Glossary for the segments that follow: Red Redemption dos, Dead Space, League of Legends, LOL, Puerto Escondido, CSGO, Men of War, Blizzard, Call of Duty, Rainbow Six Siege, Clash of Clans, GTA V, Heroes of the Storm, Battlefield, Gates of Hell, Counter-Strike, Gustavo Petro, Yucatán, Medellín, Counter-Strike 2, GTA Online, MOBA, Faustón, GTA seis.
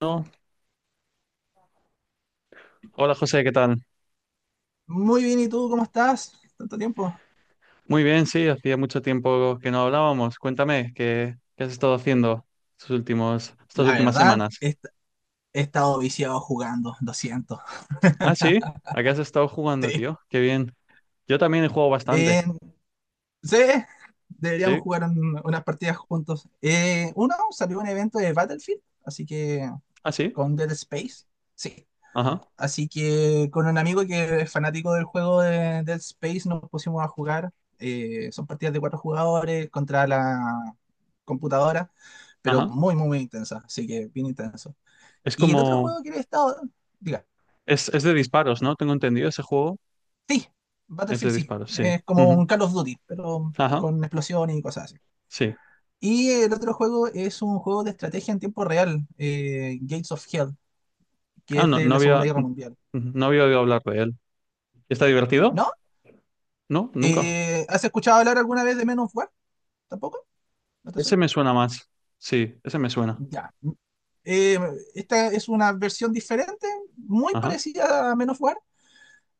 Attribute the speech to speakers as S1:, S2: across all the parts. S1: No. Hola José, ¿qué tal?
S2: Muy bien, ¿y tú cómo estás? ¿Tanto tiempo?
S1: Muy bien, sí, hacía mucho tiempo que no hablábamos. Cuéntame, ¿qué has estado haciendo estas
S2: La
S1: últimas
S2: verdad,
S1: semanas?
S2: he, he estado viciado jugando, lo siento.
S1: Ah, sí, ¿a qué has estado jugando,
S2: Sí.
S1: tío? Qué bien. Yo también he jugado bastante,
S2: Eh, sí, deberíamos
S1: ¿sí?
S2: jugar unas partidas juntos. Uno, salió un evento de Battlefield, así que
S1: Ah, sí,
S2: con Dead Space, sí.
S1: ajá,
S2: Así que con un amigo que es fanático del juego de Dead Space nos pusimos a jugar. Son partidas de 4 jugadores contra la computadora, pero
S1: ajá.
S2: muy, muy, muy intensa, así que bien intenso.
S1: Es
S2: Y el otro
S1: como,
S2: juego que le he estado, diga,
S1: es de disparos, ¿no? Tengo entendido, ese juego
S2: sí,
S1: es de
S2: Battlefield sí,
S1: disparos, sí.
S2: es como
S1: Ujú.
S2: un Call of Duty, pero
S1: Ajá,
S2: con explosiones y cosas así.
S1: sí.
S2: Y el otro juego es un juego de estrategia en tiempo real, Gates of Hell, que
S1: Ah,
S2: es
S1: no,
S2: de
S1: no
S2: la
S1: había,
S2: Segunda Guerra Mundial.
S1: no había oído hablar de él. ¿Está divertido?
S2: ¿No?
S1: No, nunca.
S2: ¿has escuchado hablar alguna vez de Men of War? ¿Tampoco? ¿No te
S1: Ese
S2: suena?
S1: me suena más. Sí, ese me suena.
S2: Ya. Eh, Esta es una versión diferente, muy
S1: Ajá.
S2: parecida a Men of War,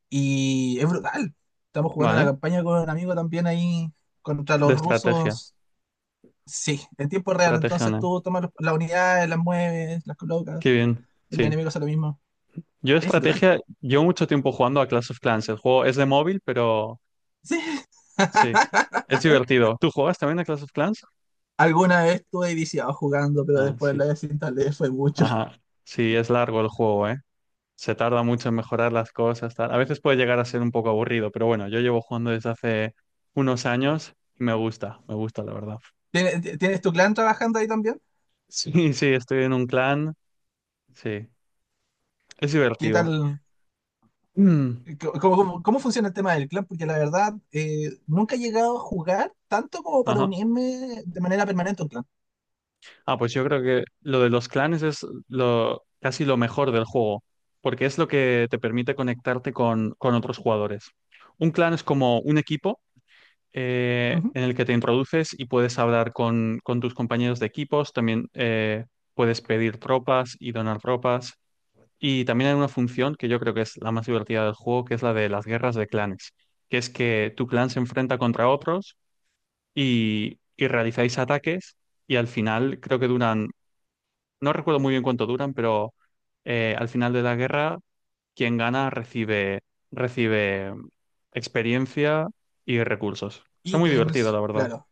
S2: y es brutal. Estamos jugando la
S1: Vale.
S2: campaña con un amigo también ahí contra
S1: De
S2: los
S1: estrategia,
S2: rusos. Sí, en tiempo real.
S1: estrategia
S2: Entonces
S1: online.
S2: tú tomas las unidades, las mueves, las
S1: Qué
S2: colocas.
S1: bien,
S2: El
S1: sí.
S2: enemigo hace lo mismo.
S1: Yo
S2: Es brutal.
S1: estrategia, llevo mucho tiempo jugando a Clash of Clans. El juego es de móvil, pero
S2: Sí.
S1: sí, es divertido. ¿Tú juegas también a Clash of Clans?
S2: Alguna vez estuve viciado jugando, pero
S1: Ah,
S2: después
S1: sí.
S2: la desinstalé, fue mucho.
S1: Ajá. Sí, es largo el juego, ¿eh? Se tarda mucho en mejorar las cosas, tal. A veces puede llegar a ser un poco aburrido, pero bueno, yo llevo jugando desde hace unos años y me gusta, la verdad.
S2: ¿Tienes tu clan trabajando ahí también?
S1: Sí, sí, estoy en un clan, sí. Es
S2: ¿Qué
S1: divertido.
S2: tal?
S1: Mm.
S2: ¿Cómo funciona el tema del clan? Porque la verdad, nunca he llegado a jugar tanto como para
S1: Ajá.
S2: unirme de manera permanente a un clan.
S1: Ah, pues yo creo que lo de los clanes es casi lo mejor del juego, porque es lo que te permite conectarte con otros jugadores. Un clan es como un equipo
S2: Ujú.
S1: en el que te introduces y puedes hablar con tus compañeros de equipos, también puedes pedir tropas y donar tropas. Y también hay una función que yo creo que es la más divertida del juego, que es la de las guerras de clanes, que es que tu clan se enfrenta contra otros y realizáis ataques y al final creo que duran, no recuerdo muy bien cuánto duran, pero al final de la guerra, quien gana recibe experiencia y recursos. Está muy divertido,
S2: Ítems,
S1: la verdad.
S2: claro.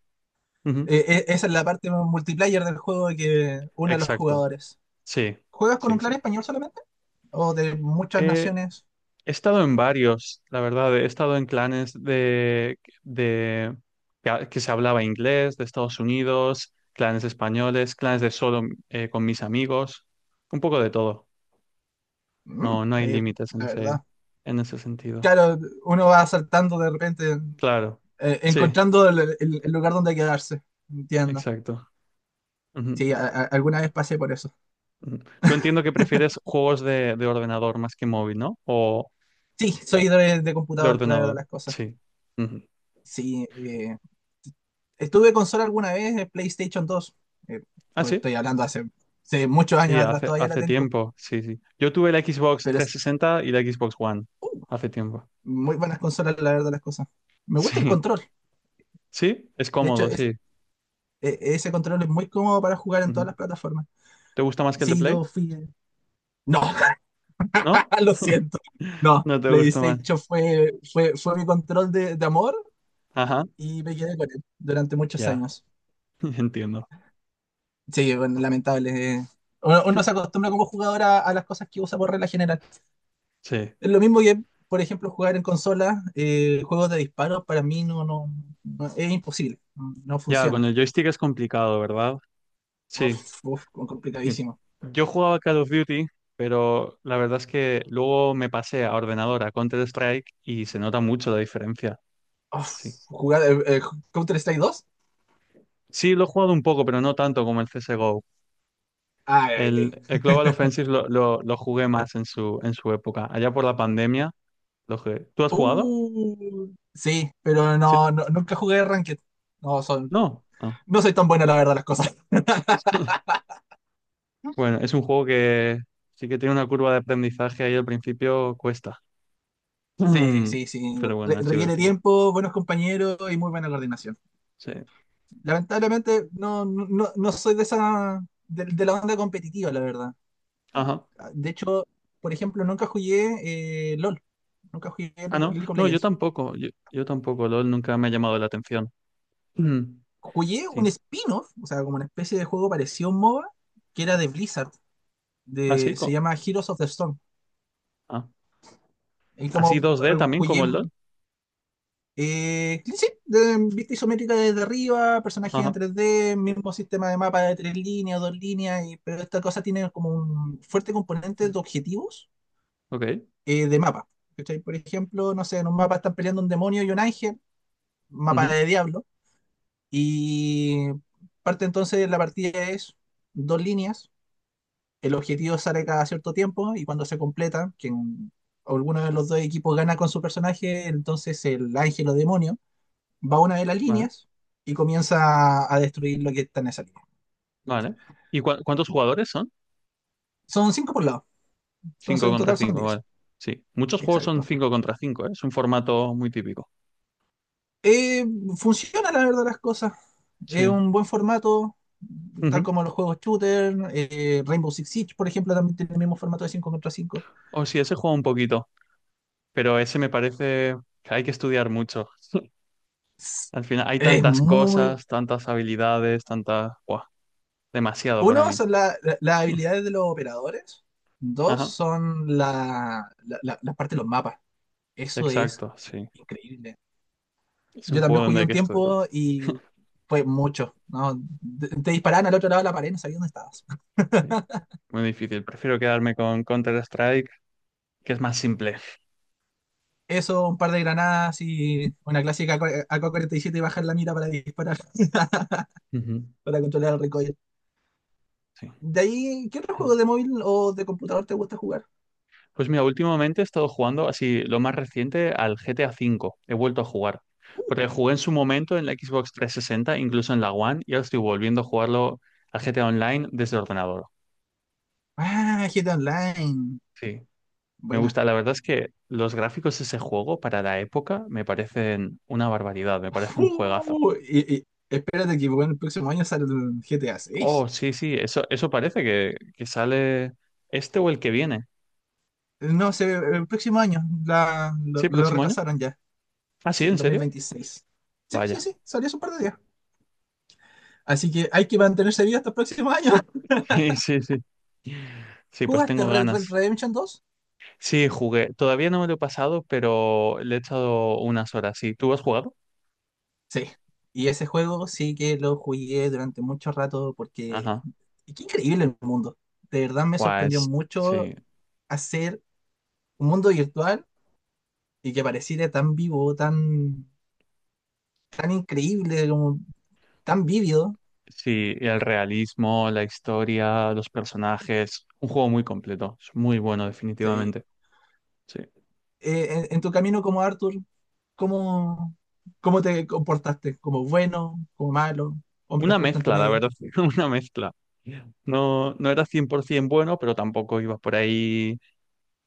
S1: Ujú.
S2: Esa es la parte multiplayer del juego que une a los
S1: Exacto.
S2: jugadores.
S1: Sí,
S2: ¿Juegas con
S1: sí,
S2: un clan
S1: sí.
S2: español solamente o de muchas
S1: Eh,
S2: naciones?
S1: he estado en varios, la verdad. He estado en clanes de que se hablaba inglés, de Estados Unidos, clanes españoles, clanes de solo con mis amigos, un poco de todo.
S2: Mm,
S1: No, no hay
S2: ahí,
S1: límites en
S2: la
S1: ese,
S2: verdad.
S1: en ese sentido.
S2: Claro, uno va saltando de repente,
S1: Claro, sí,
S2: encontrando el lugar donde quedarse. Entiendo.
S1: exacto. Ujú,
S2: Sí, alguna vez pasé por eso.
S1: ujú. Tú entiendo que prefieres juegos de ordenador más que móvil, ¿no? O
S2: Sí, soy de
S1: de
S2: computador, la verdad,
S1: ordenador,
S2: las cosas.
S1: sí. Ujú.
S2: Sí, estuve consola alguna vez, PlayStation 2. Eh,
S1: Ah, sí,
S2: Estoy hablando hace, hace muchos años
S1: sí,
S2: atrás,
S1: hace,
S2: todavía la
S1: hace
S2: tengo.
S1: tiempo, sí, sí. Yo tuve la Xbox
S2: Pero es
S1: 360 y la Xbox One
S2: uh,
S1: hace tiempo.
S2: Muy buenas consolas, la verdad, las cosas. Me gusta el
S1: Sí,
S2: control.
S1: sí, es
S2: De hecho,
S1: cómodo, sí.
S2: ese control es muy cómodo para jugar en todas
S1: Ujú.
S2: las plataformas.
S1: ¿Te gusta más que el de
S2: Sí,
S1: Play?
S2: yo fui. el- No,
S1: ¿No?
S2: lo siento. No,
S1: No te gusta más.
S2: PlayStation fue, fue, fue mi control de amor
S1: Ajá,
S2: y me quedé con él durante muchos
S1: ya,
S2: años.
S1: entiendo.
S2: Sí, bueno, lamentable, eh. Uno, uno se acostumbra como jugador a las cosas que usa por regla general.
S1: Sí.
S2: Es lo mismo que, por ejemplo, jugar en consola, juegos de disparos, para mí no, no, es imposible. No, no
S1: Ya, con
S2: funciona.
S1: el joystick es complicado, ¿verdad? Sí.
S2: Uf, uf,
S1: Sí.
S2: complicadísimo.
S1: Yo jugaba Call of Duty, pero la verdad es que luego me pasé a ordenador, a Counter-Strike, y se nota mucho la diferencia.
S2: Uf,
S1: Sí.
S2: jugar Counter-Strike 2.
S1: Sí, lo he jugado un poco, pero no tanto como el CSGO.
S2: Ay, ay,
S1: El,
S2: ay.
S1: el Global Offensive lo jugué más en su época. Allá por la pandemia lo jugué. ¿Tú has jugado?
S2: Uh, sí, pero
S1: Sí.
S2: no, nunca jugué Ranked. No, son,
S1: No. Ah.
S2: no soy tan bueno, la verdad, las cosas.
S1: Bueno, es un juego que sí que tiene una curva de aprendizaje ahí al principio cuesta.
S2: Sí, sí, sí.
S1: Pero bueno, es
S2: Requiere
S1: divertido.
S2: tiempo, buenos compañeros y muy buena coordinación.
S1: Sí.
S2: Lamentablemente, no, no, no no soy de esa, de la onda competitiva, la verdad.
S1: Ajá.
S2: Ah, de hecho, por ejemplo, nunca jugué LOL. Nunca jugué
S1: Ah, no,
S2: League of
S1: no, yo
S2: Legends.
S1: tampoco, yo tampoco, LOL nunca me ha llamado la atención. Mm.
S2: Jugué un
S1: Sí,
S2: spin-off, o sea, como una especie de juego parecido a un MOBA, que era de Blizzard. De,
S1: así,
S2: se
S1: co-
S2: llama Heroes of the Storm.
S1: ah,
S2: Y
S1: así
S2: como
S1: 2D también como
S2: jugué
S1: el LOL.
S2: Sí, sí, vista isométrica desde arriba, personajes en
S1: Ajá,
S2: 3D, mismo sistema de mapa de 3 líneas, dos líneas, pero esta cosa tiene como un fuerte componente de objetivos,
S1: ok,
S2: de mapa. ¿Cachai? Por ejemplo, no sé, en un mapa están peleando un demonio y un ángel, mapa
S1: ujú,
S2: de diablo, y parte entonces de la partida es 2 líneas, el objetivo sale cada cierto tiempo y cuando se completa, quien alguno de los dos equipos gana con su personaje, entonces el ángel o demonio va a una de las
S1: vale,
S2: líneas y comienza a destruir lo que está en esa línea.
S1: vale. ¿Y cuántos jugadores son?
S2: Son 5 por lado, entonces
S1: 5
S2: en
S1: contra
S2: total son
S1: 5,
S2: diez.
S1: vale. Sí, muchos juegos son
S2: Exacto.
S1: 5 contra 5. Es un formato muy típico.
S2: Eh, Funciona la verdad las cosas. Es
S1: Sí,
S2: un buen formato, tal
S1: ujú.
S2: como los juegos shooter, Rainbow Six Siege, por ejemplo, también tiene el mismo formato de 5 contra 5.
S1: O sí, ese juego un poquito, pero ese me parece que hay que estudiar mucho. Al final hay
S2: Es
S1: tantas
S2: muy...
S1: cosas, tantas habilidades, tantas, buah, demasiado para
S2: Uno,
S1: mí.
S2: son las habilidades de los operadores. Dos,
S1: Ajá,
S2: son la, la, la parte de los mapas. Eso es
S1: exacto, sí.
S2: increíble.
S1: Es un
S2: Yo
S1: juego
S2: también
S1: donde
S2: jugué
S1: hay
S2: un
S1: que estudiar.
S2: tiempo y fue mucho, ¿no? Te disparaban al otro lado de la pared, no sabías dónde estabas.
S1: Sí. Muy difícil. Prefiero quedarme con Counter-Strike, que es más simple.
S2: Eso, un par de granadas y una clásica AK-47 y bajar la mira para disparar,
S1: Ujú.
S2: para controlar el recoil.
S1: Sí.
S2: De ahí, ¿qué otro juego de móvil o de computador te gusta jugar?
S1: Pues mira, últimamente he estado jugando así lo más reciente al GTA V. He vuelto a jugar.
S2: Uh,
S1: Porque jugué en su momento en la Xbox 360, incluso en la One, y ahora estoy volviendo a jugarlo al GTA Online desde el ordenador.
S2: GTA
S1: Sí.
S2: Online.
S1: Sí. Me
S2: Buena.
S1: gusta. La verdad es que los gráficos de ese juego para la época me parecen una barbaridad. Me parece un juegazo.
S2: Y, y espérate que bueno, el próximo año sale el GTA
S1: Oh,
S2: seis.
S1: sí, sí, eso parece que sale este o el que viene.
S2: No sé, el próximo año la,
S1: ¿Sí,
S2: lo
S1: próximo año?
S2: retrasaron ya.
S1: Ah, sí,
S2: Sí, en
S1: ¿en
S2: dos mil
S1: serio?
S2: veintiséis. Sí, sí,
S1: Vaya.
S2: sí, salió hace un par de días. Así que hay que mantenerse vivo hasta los próximos años.
S1: Sí, sí, sí. Sí, pues
S2: ¿Jugaste
S1: tengo
S2: Red
S1: ganas.
S2: Redemption 2?
S1: Sí, jugué. Todavía no me lo he pasado, pero le he echado unas horas. Sí, ¿tú has jugado?
S2: Sí. Y ese juego sí que lo jugué durante mucho rato porque
S1: Ajá.
S2: y qué increíble el mundo. De verdad me
S1: Guau,
S2: sorprendió mucho
S1: sí,
S2: hacer un mundo virtual y que pareciera tan vivo, tan, tan increíble, como tan vívido.
S1: sí, el realismo, la historia, los personajes. Un juego muy completo. Es muy bueno,
S2: Sí.
S1: definitivamente. Sí.
S2: En tu camino como Arthur, ¿cómo, ¿cómo te comportaste? ¿Como bueno, como malo, hombre
S1: Una
S2: justo entre
S1: mezcla, la
S2: medio,
S1: verdad. Una mezcla. No, no era 100% bueno, pero tampoco iba por ahí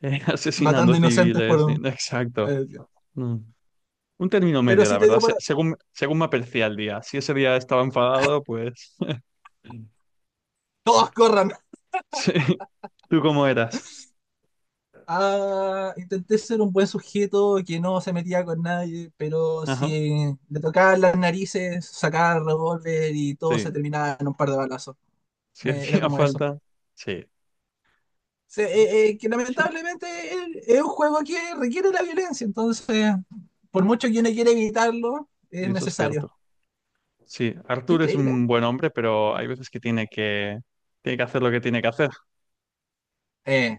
S1: asesinando
S2: matando inocentes
S1: civiles,
S2: por,
S1: exacto.
S2: eh,
S1: Mm. Un término
S2: pero
S1: medio, la
S2: sí te
S1: verdad,
S2: dio
S1: se-
S2: para.
S1: según, según me apercibía el día. Si ese día estaba enfadado, pues
S2: ¡Todos corran!
S1: sí. ¿Tú cómo eras?
S2: Ah, intenté ser un buen sujeto que no se metía con nadie, pero
S1: Ajá,
S2: si le tocaban las narices, sacaba el revólver y todo se
S1: sí.
S2: terminaba en un par de balazos.
S1: Si
S2: Era
S1: hacía
S2: como eso.
S1: falta, sí,
S2: Que lamentablemente es un juego que requiere la violencia, entonces, por mucho que uno quiera evitarlo, es
S1: y eso es
S2: necesario.
S1: cierto. Sí,
S2: Qué
S1: Arthur es
S2: increíble.
S1: un buen hombre, pero hay veces que tiene que hacer lo que tiene que hacer.
S2: eh,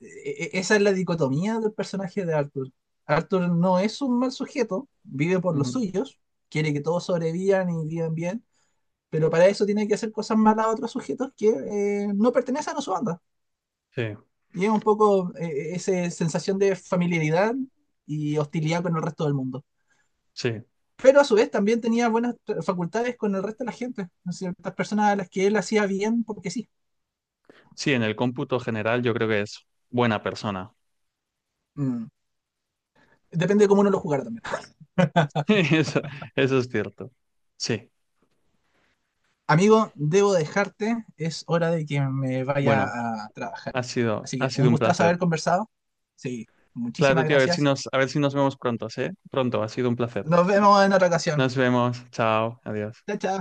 S2: Esa es la dicotomía del personaje de Arthur. Arthur no es un mal sujeto, vive por los
S1: Ujú.
S2: suyos, quiere que todos sobrevivan y vivan bien, pero para eso tiene que hacer cosas malas a otros sujetos que no pertenecen a su banda.
S1: Sí,
S2: Y es un poco esa sensación de familiaridad y hostilidad con el resto del mundo.
S1: sí.
S2: Pero a su vez también tenía buenas facultades con el resto de la gente, ciertas personas a las que él hacía bien porque sí.
S1: Sí, en el cómputo general yo creo que es buena persona.
S2: Mm. Depende de cómo uno lo jugara.
S1: Eso, eso es cierto. Sí,
S2: Amigo, debo dejarte, es hora de que me vaya
S1: bueno,
S2: a trabajar.
S1: ha sido,
S2: Así
S1: ha
S2: que un
S1: sido un
S2: gustazo
S1: placer.
S2: haber conversado. Sí,
S1: Claro,
S2: muchísimas
S1: tío, a ver si
S2: gracias.
S1: nos, a ver si nos vemos pronto. Pronto, ha sido un placer.
S2: Nos vemos en otra ocasión.
S1: Nos vemos, chao, adiós.
S2: Chao, chao.